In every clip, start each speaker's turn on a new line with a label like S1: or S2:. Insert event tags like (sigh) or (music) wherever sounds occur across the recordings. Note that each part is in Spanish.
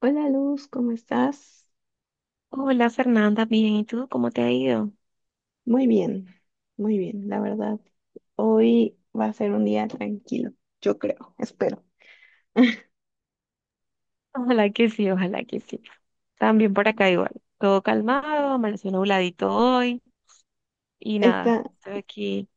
S1: Hola Luz, ¿cómo estás?
S2: Hola Fernanda, bien, ¿y tú cómo te ha ido?
S1: Muy bien, muy bien, la verdad. Hoy va a ser un día tranquilo, yo creo, espero. (laughs)
S2: Ojalá que sí, ojalá que sí. También por acá igual. Todo calmado, amaneció nubladito hoy y nada,
S1: Está
S2: estoy aquí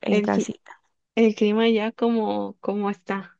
S2: en
S1: el, cli-
S2: casita.
S1: el clima ya como está.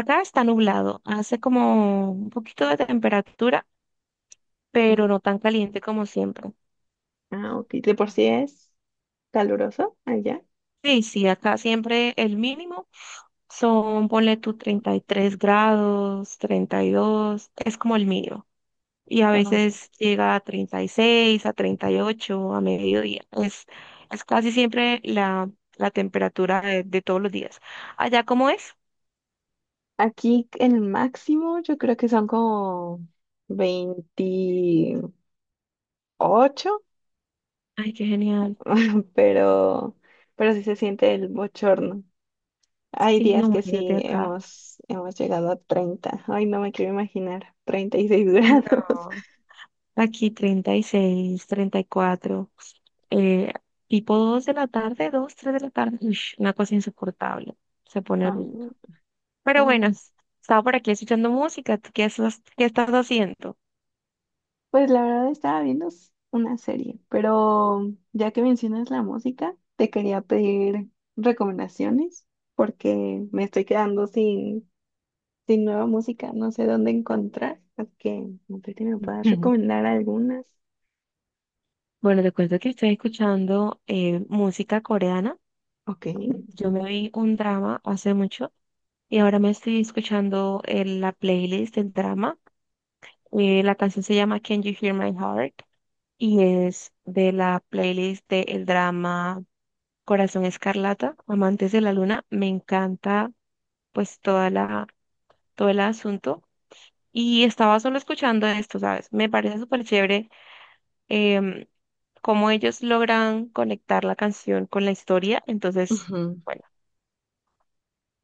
S2: Acá está nublado, hace como un poquito de temperatura, pero no tan caliente como siempre.
S1: Ah, ok. De por sí es caluroso allá.
S2: Sí, sí, acá siempre el mínimo son, ponle tú 33 grados, 32, es como el mínimo. Y a
S1: Ah,
S2: veces llega a 36 a 38 a mediodía. Es casi siempre la temperatura de todos los días. ¿Allá cómo es?
S1: Aquí el máximo yo creo que son como 28,
S2: Ay, qué genial.
S1: (laughs) pero, pero sí se siente el bochorno. Hay
S2: Sí, no,
S1: días que
S2: imagínate
S1: sí
S2: acá.
S1: hemos llegado a 30. Ay, no me quiero imaginar. 36 grados.
S2: No, aquí 30 36 34, eh, tipo 2 de la tarde, 2 3 de la tarde. Ush, una cosa insoportable. Se
S1: (laughs)
S2: pone horrible.
S1: Am,
S2: Pero bueno,
S1: ay.
S2: estaba por aquí escuchando música. ¿Tú qué estás haciendo?
S1: Pues la verdad estaba viendo una serie, pero ya que mencionas la música, te quería pedir recomendaciones porque me estoy quedando sin nueva música. No sé dónde encontrar. Así que no sé si me puedas
S2: (laughs)
S1: recomendar algunas.
S2: Bueno, te cuento que estoy escuchando música coreana.
S1: Ok.
S2: Yo me vi un drama hace mucho y ahora me estoy escuchando la playlist del drama. La canción se llama Can You Hear My Heart y es de la playlist del drama Corazón Escarlata, Amantes de la Luna. Me encanta pues todo el asunto. Y estaba solo escuchando esto, ¿sabes? Me parece súper chévere cómo ellos logran conectar la canción con la historia. Entonces,
S1: Ujú.
S2: bueno,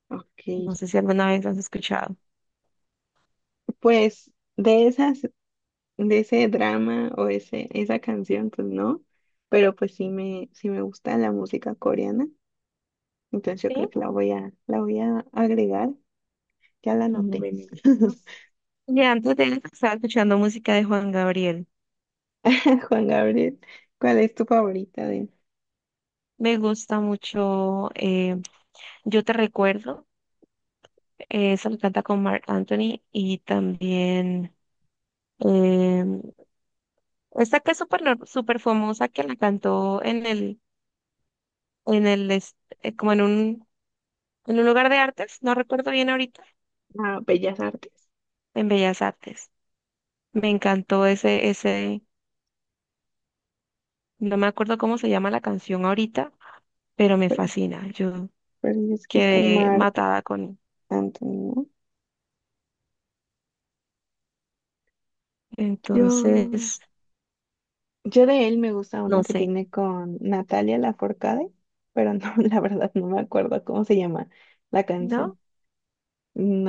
S1: Ok.
S2: no sé si alguna vez lo has escuchado.
S1: Pues de esas. De ese drama, o ese, esa canción, pues no, pero pues sí sí me gusta la música coreana, entonces yo
S2: Sí.
S1: creo que la voy a agregar, ya la
S2: Un
S1: noté.
S2: momentito.
S1: (laughs)
S2: Y antes de eso estaba escuchando música de Juan Gabriel.
S1: Juan Gabriel, ¿cuál es tu favorita de…
S2: Me gusta mucho, Yo te recuerdo. Esa lo canta con Marc Anthony y también eh, esta que es súper nor- súper famosa que la cantó en el, est- como en en un lugar de artes, no recuerdo bien ahorita,
S1: ah, ¿Bellas Artes?
S2: en Bellas Artes. Me encantó ese, no me acuerdo cómo se llama la canción ahorita, pero me
S1: Pero,
S2: fascina. Yo
S1: pero es que es con
S2: quedé
S1: Marc
S2: matada con él.
S1: Anthony, ¿no? Yo,
S2: Entonces,
S1: yo de él me gusta una
S2: no
S1: que
S2: sé,
S1: tiene con Natalia Lafourcade, pero no, (laughs) la verdad no me acuerdo cómo se llama la
S2: ¿no?
S1: canción.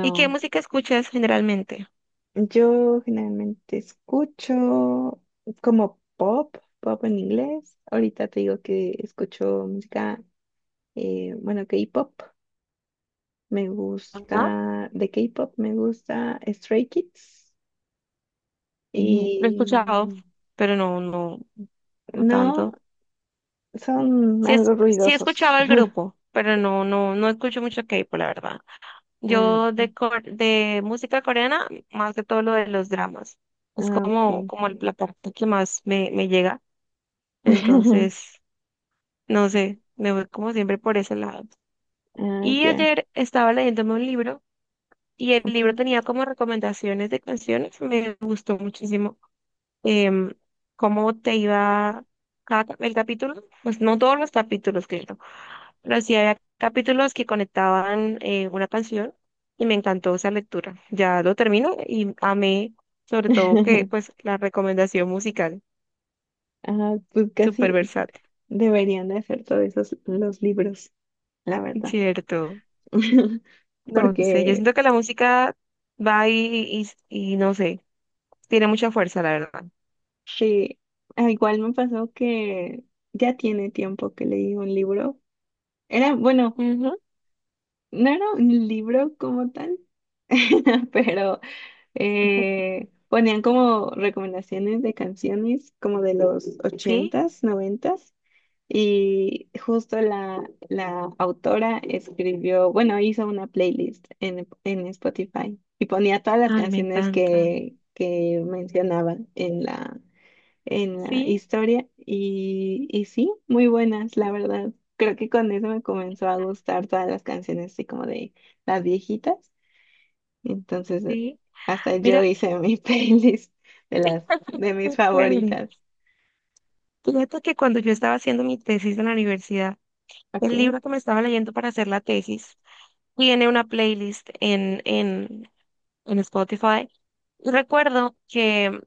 S2: ¿Y qué música escuchas generalmente?
S1: Yo generalmente escucho como pop, pop en inglés. Ahorita te digo que escucho música, bueno, K-pop. Me
S2: Ajá.
S1: gusta, de K-pop me gusta Stray Kids.
S2: Lo he escuchado,
S1: Y
S2: pero no, no, no
S1: no,
S2: tanto.
S1: son
S2: Sí,
S1: algo
S2: sí
S1: ruidosos.
S2: escuchaba el
S1: (laughs)
S2: grupo, pero no, no, no escucho mucho K-pop, la verdad.
S1: Ah,
S2: Yo de música coreana, más que todo lo de los dramas.
S1: ok.
S2: Es
S1: Ah, ok.
S2: como la parte que más me llega.
S1: (laughs)
S2: Entonces, no sé, me voy como siempre por ese lado.
S1: Ah,
S2: Y
S1: ya,
S2: ayer estaba leyéndome un libro y el
S1: ok.
S2: libro tenía como recomendaciones de canciones. Me gustó muchísimo, em, cómo te iba el capítulo. Pues no todos los capítulos, claro, pero sí había capítulos que conectaban una canción y me encantó esa lectura. Ya lo termino y amé sobre todo que
S1: (laughs)
S2: pues la recomendación musical,
S1: Ah, pues
S2: súper
S1: casi
S2: versátil,
S1: deberían de hacer todos esos los libros, la verdad.
S2: ¿cierto?
S1: (laughs)
S2: No sé, yo
S1: Porque
S2: siento que la música va ahí y no sé, tiene mucha fuerza, la verdad.
S1: sí, ah, igual me pasó que ya tiene tiempo que leí un libro. Era, bueno,
S2: Ujú.
S1: no era un libro como tal, (laughs) pero ponían como recomendaciones de canciones como de los
S2: Sí,
S1: ochentas, noventas. Y justo la autora escribió, bueno, hizo una playlist en Spotify y ponía todas las
S2: ay, me
S1: canciones
S2: encanta.
S1: que mencionaban en en la
S2: Sí,
S1: historia y sí, muy buenas, la verdad. Creo que con eso me comenzó a gustar todas las canciones así como de las viejitas. Entonces,
S2: sí.
S1: hasta yo
S2: Mira,
S1: hice mi (laughs) playlist de las
S2: (laughs)
S1: de mis
S2: qué chévere.
S1: favoritas.
S2: Fíjate que cuando yo estaba haciendo mi tesis en la universidad,
S1: Ok,
S2: el libro que me estaba leyendo para hacer la tesis tiene una playlist en Spotify. Y recuerdo que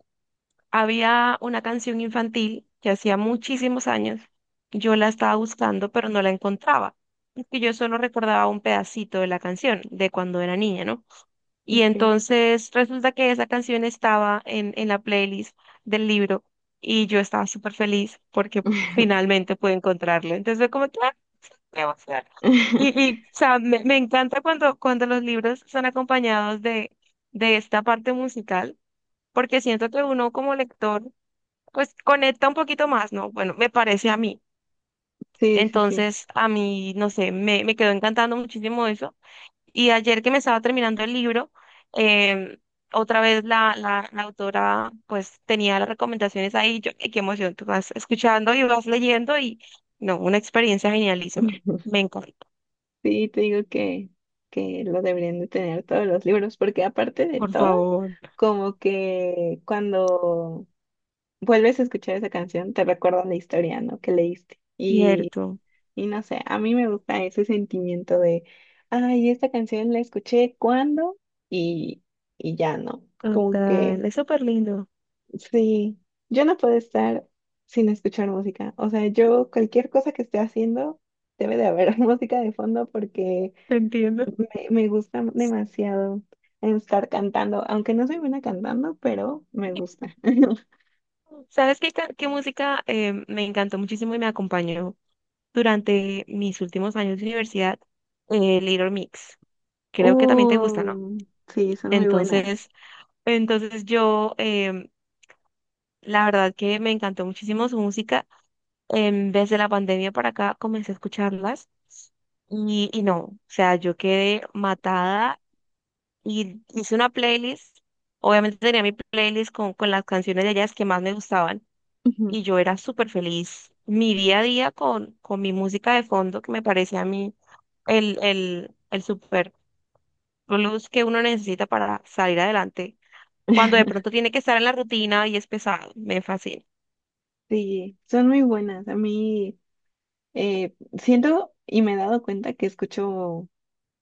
S2: había una canción infantil que hacía muchísimos años. Yo la estaba buscando, pero no la encontraba. Porque yo solo recordaba un pedacito de la canción, de cuando era niña, ¿no? Y
S1: ok.
S2: entonces resulta que esa canción estaba en la playlist del libro y yo estaba súper feliz porque
S1: (laughs)
S2: finalmente pude encontrarla. Entonces fue como que, "Ah, qué emoción". Y, o sea, me encanta cuando los libros son acompañados de esta parte musical, porque siento que uno como lector pues conecta un poquito más, ¿no? Bueno, me parece a mí.
S1: Sí, sí, sí.
S2: Entonces, a mí, no sé, me quedó encantando muchísimo eso. Y ayer que me estaba terminando el libro, em, otra vez la autora pues tenía las recomendaciones ahí. Y yo, "Ay, qué emoción, tú vas escuchando y vas leyendo y no, una experiencia genialísima".
S1: (laughs)
S2: Me encanta.
S1: Sí, te digo que lo deberían de tener todos los libros, porque aparte de
S2: Por
S1: todo,
S2: favor,
S1: como que cuando vuelves a escuchar esa canción, te recuerda la historia, ¿no? Que leíste.
S2: cierto.
S1: Y no sé, a mí me gusta ese sentimiento de, ay, esta canción la escuché cuando y, y ya no. Como que,
S2: Total, es súper lindo.
S1: sí, yo no puedo estar sin escuchar música. O sea, yo cualquier cosa que esté haciendo, debe de haber (laughs) música de fondo porque
S2: Te entiendo.
S1: me gusta demasiado estar cantando, aunque no soy buena cantando, pero me gusta. (laughs)
S2: ¿Sabes qué, qué música me encantó muchísimo y me acompañó durante mis últimos años de universidad? Little Mix. Creo que también te gusta, ¿no?
S1: Uh, sí, son muy buenas.
S2: Entonces, entonces yo, la verdad que me encantó muchísimo su música. En vez de la pandemia para acá, comencé a escucharlas y no, o sea, yo quedé matada y hice una playlist. Obviamente tenía mi playlist con las canciones de ellas que más me gustaban
S1: Ujú.
S2: y yo era súper feliz. Mi día a día con mi música de fondo, que me parecía a mí el super plus que uno necesita para salir adelante cuando de
S1: (laughs)
S2: pronto tiene que estar en la rutina y es pesado. Me fascina.
S1: Sí, son muy buenas. A mí eh, siento y me he dado cuenta que escucho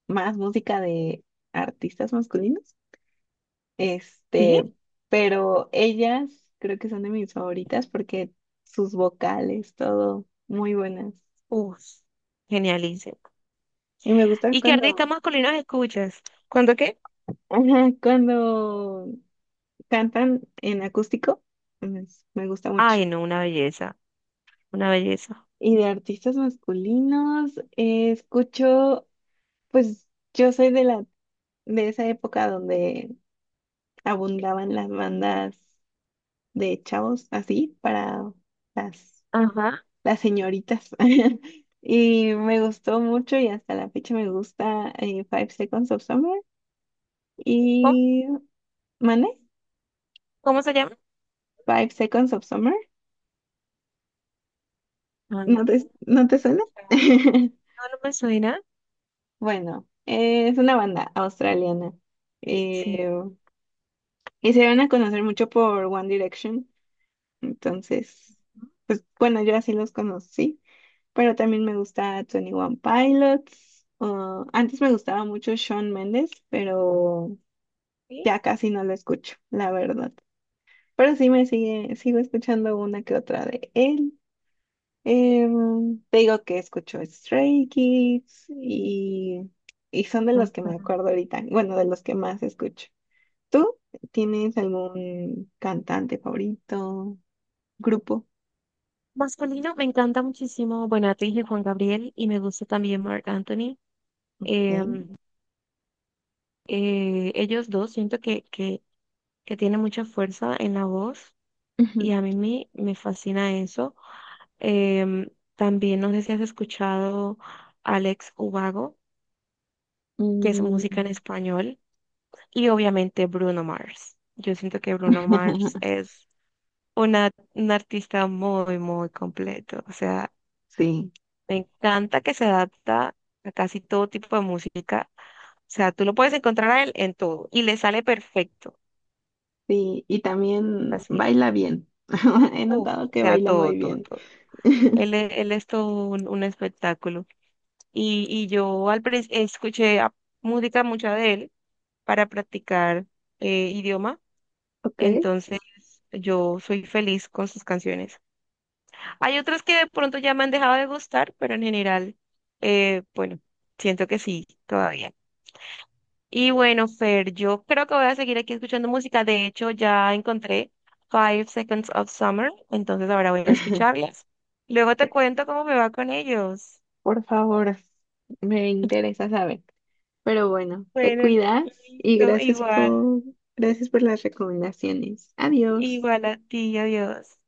S1: más música de artistas masculinos.
S2: ¿Sí?
S1: Este, pero ellas creo que son de mis favoritas porque sus vocales, todo, muy buenas.
S2: Uf, genialísimo.
S1: Y me gustan
S2: ¿Y qué
S1: cuando,
S2: artistas masculinos escuchas? ¿Cuándo qué?
S1: (laughs) ajá, cuando cantan en acústico, pues, me gusta mucho.
S2: Ay, no, una belleza, una belleza.
S1: Y de artistas masculinos, escucho, pues yo soy de de esa época donde abundaban las bandas de chavos, así, para las,
S2: Ajá.
S1: las señoritas. (laughs) Y me gustó mucho y hasta la fecha me gusta Five Seconds of Summer
S2: ¿Cómo?
S1: y ¿Mane?
S2: ¿Cómo se llama?
S1: Five Seconds of Summer.
S2: Ah, no, no
S1: No te
S2: he
S1: suena?
S2: escuchado. No,
S1: (laughs)
S2: no me suena.
S1: Bueno, es una banda australiana.
S2: Sí.
S1: Eh, Y se van a conocer mucho por One Direction. Entonces, pues bueno, yo así los conocí. Pero también me gusta twenty One Pilots. Ah, antes me gustaba mucho Shawn Mendes, pero
S2: Sí.
S1: ya casi no lo escucho, la verdad. Pero sí sigo escuchando una que otra de él. Em, te digo que escucho Stray Kids y son de los que
S2: Ajá.
S1: me acuerdo ahorita. Bueno, de los que más escucho. ¿Tú tienes algún cantante favorito, grupo?
S2: Masculino, me encanta muchísimo. Bueno, te dije Juan Gabriel y me gusta también Marc Anthony.
S1: ¿Ok?
S2: Ellos dos siento que tiene mucha fuerza en la voz y
S1: Ujú.
S2: a mí me fascina eso. Em, También no sé si has escuchado Alex Ubago, que es música en
S1: Mm.
S2: español, y obviamente Bruno Mars. Yo siento que Bruno Mars
S1: (laughs)
S2: es un artista muy, muy completo. O sea,
S1: Sí,
S2: me encanta que se adapta a casi todo tipo de música. O sea, tú lo puedes encontrar a él en todo y le sale perfecto.
S1: sí, y
S2: Me
S1: también
S2: fascina.
S1: baila bien. (laughs) He
S2: Uf,
S1: notado
S2: o
S1: que
S2: sea,
S1: baila
S2: todo,
S1: muy
S2: todo,
S1: bien.
S2: todo.
S1: (laughs)
S2: Él es todo un espectáculo. Y yo escuché música mucha de él para practicar idioma,
S1: Ok.
S2: entonces yo soy feliz con sus canciones. Hay otras que de pronto ya me han dejado de gustar, pero en general, bueno, siento que sí, todavía. Y bueno, Fer, yo creo que voy a seguir aquí escuchando música. De hecho, ya encontré Five Seconds of Summer, entonces ahora voy a
S1: (laughs)
S2: escucharlas. Luego te
S1: Te-
S2: cuento cómo me va con ellos.
S1: Por favor, me
S2: (laughs)
S1: interesa saber. Pero bueno, te
S2: Bueno,
S1: cuidas y
S2: listo, igual,
S1: gracias por las recomendaciones. Adiós.
S2: igual a ti, adiós.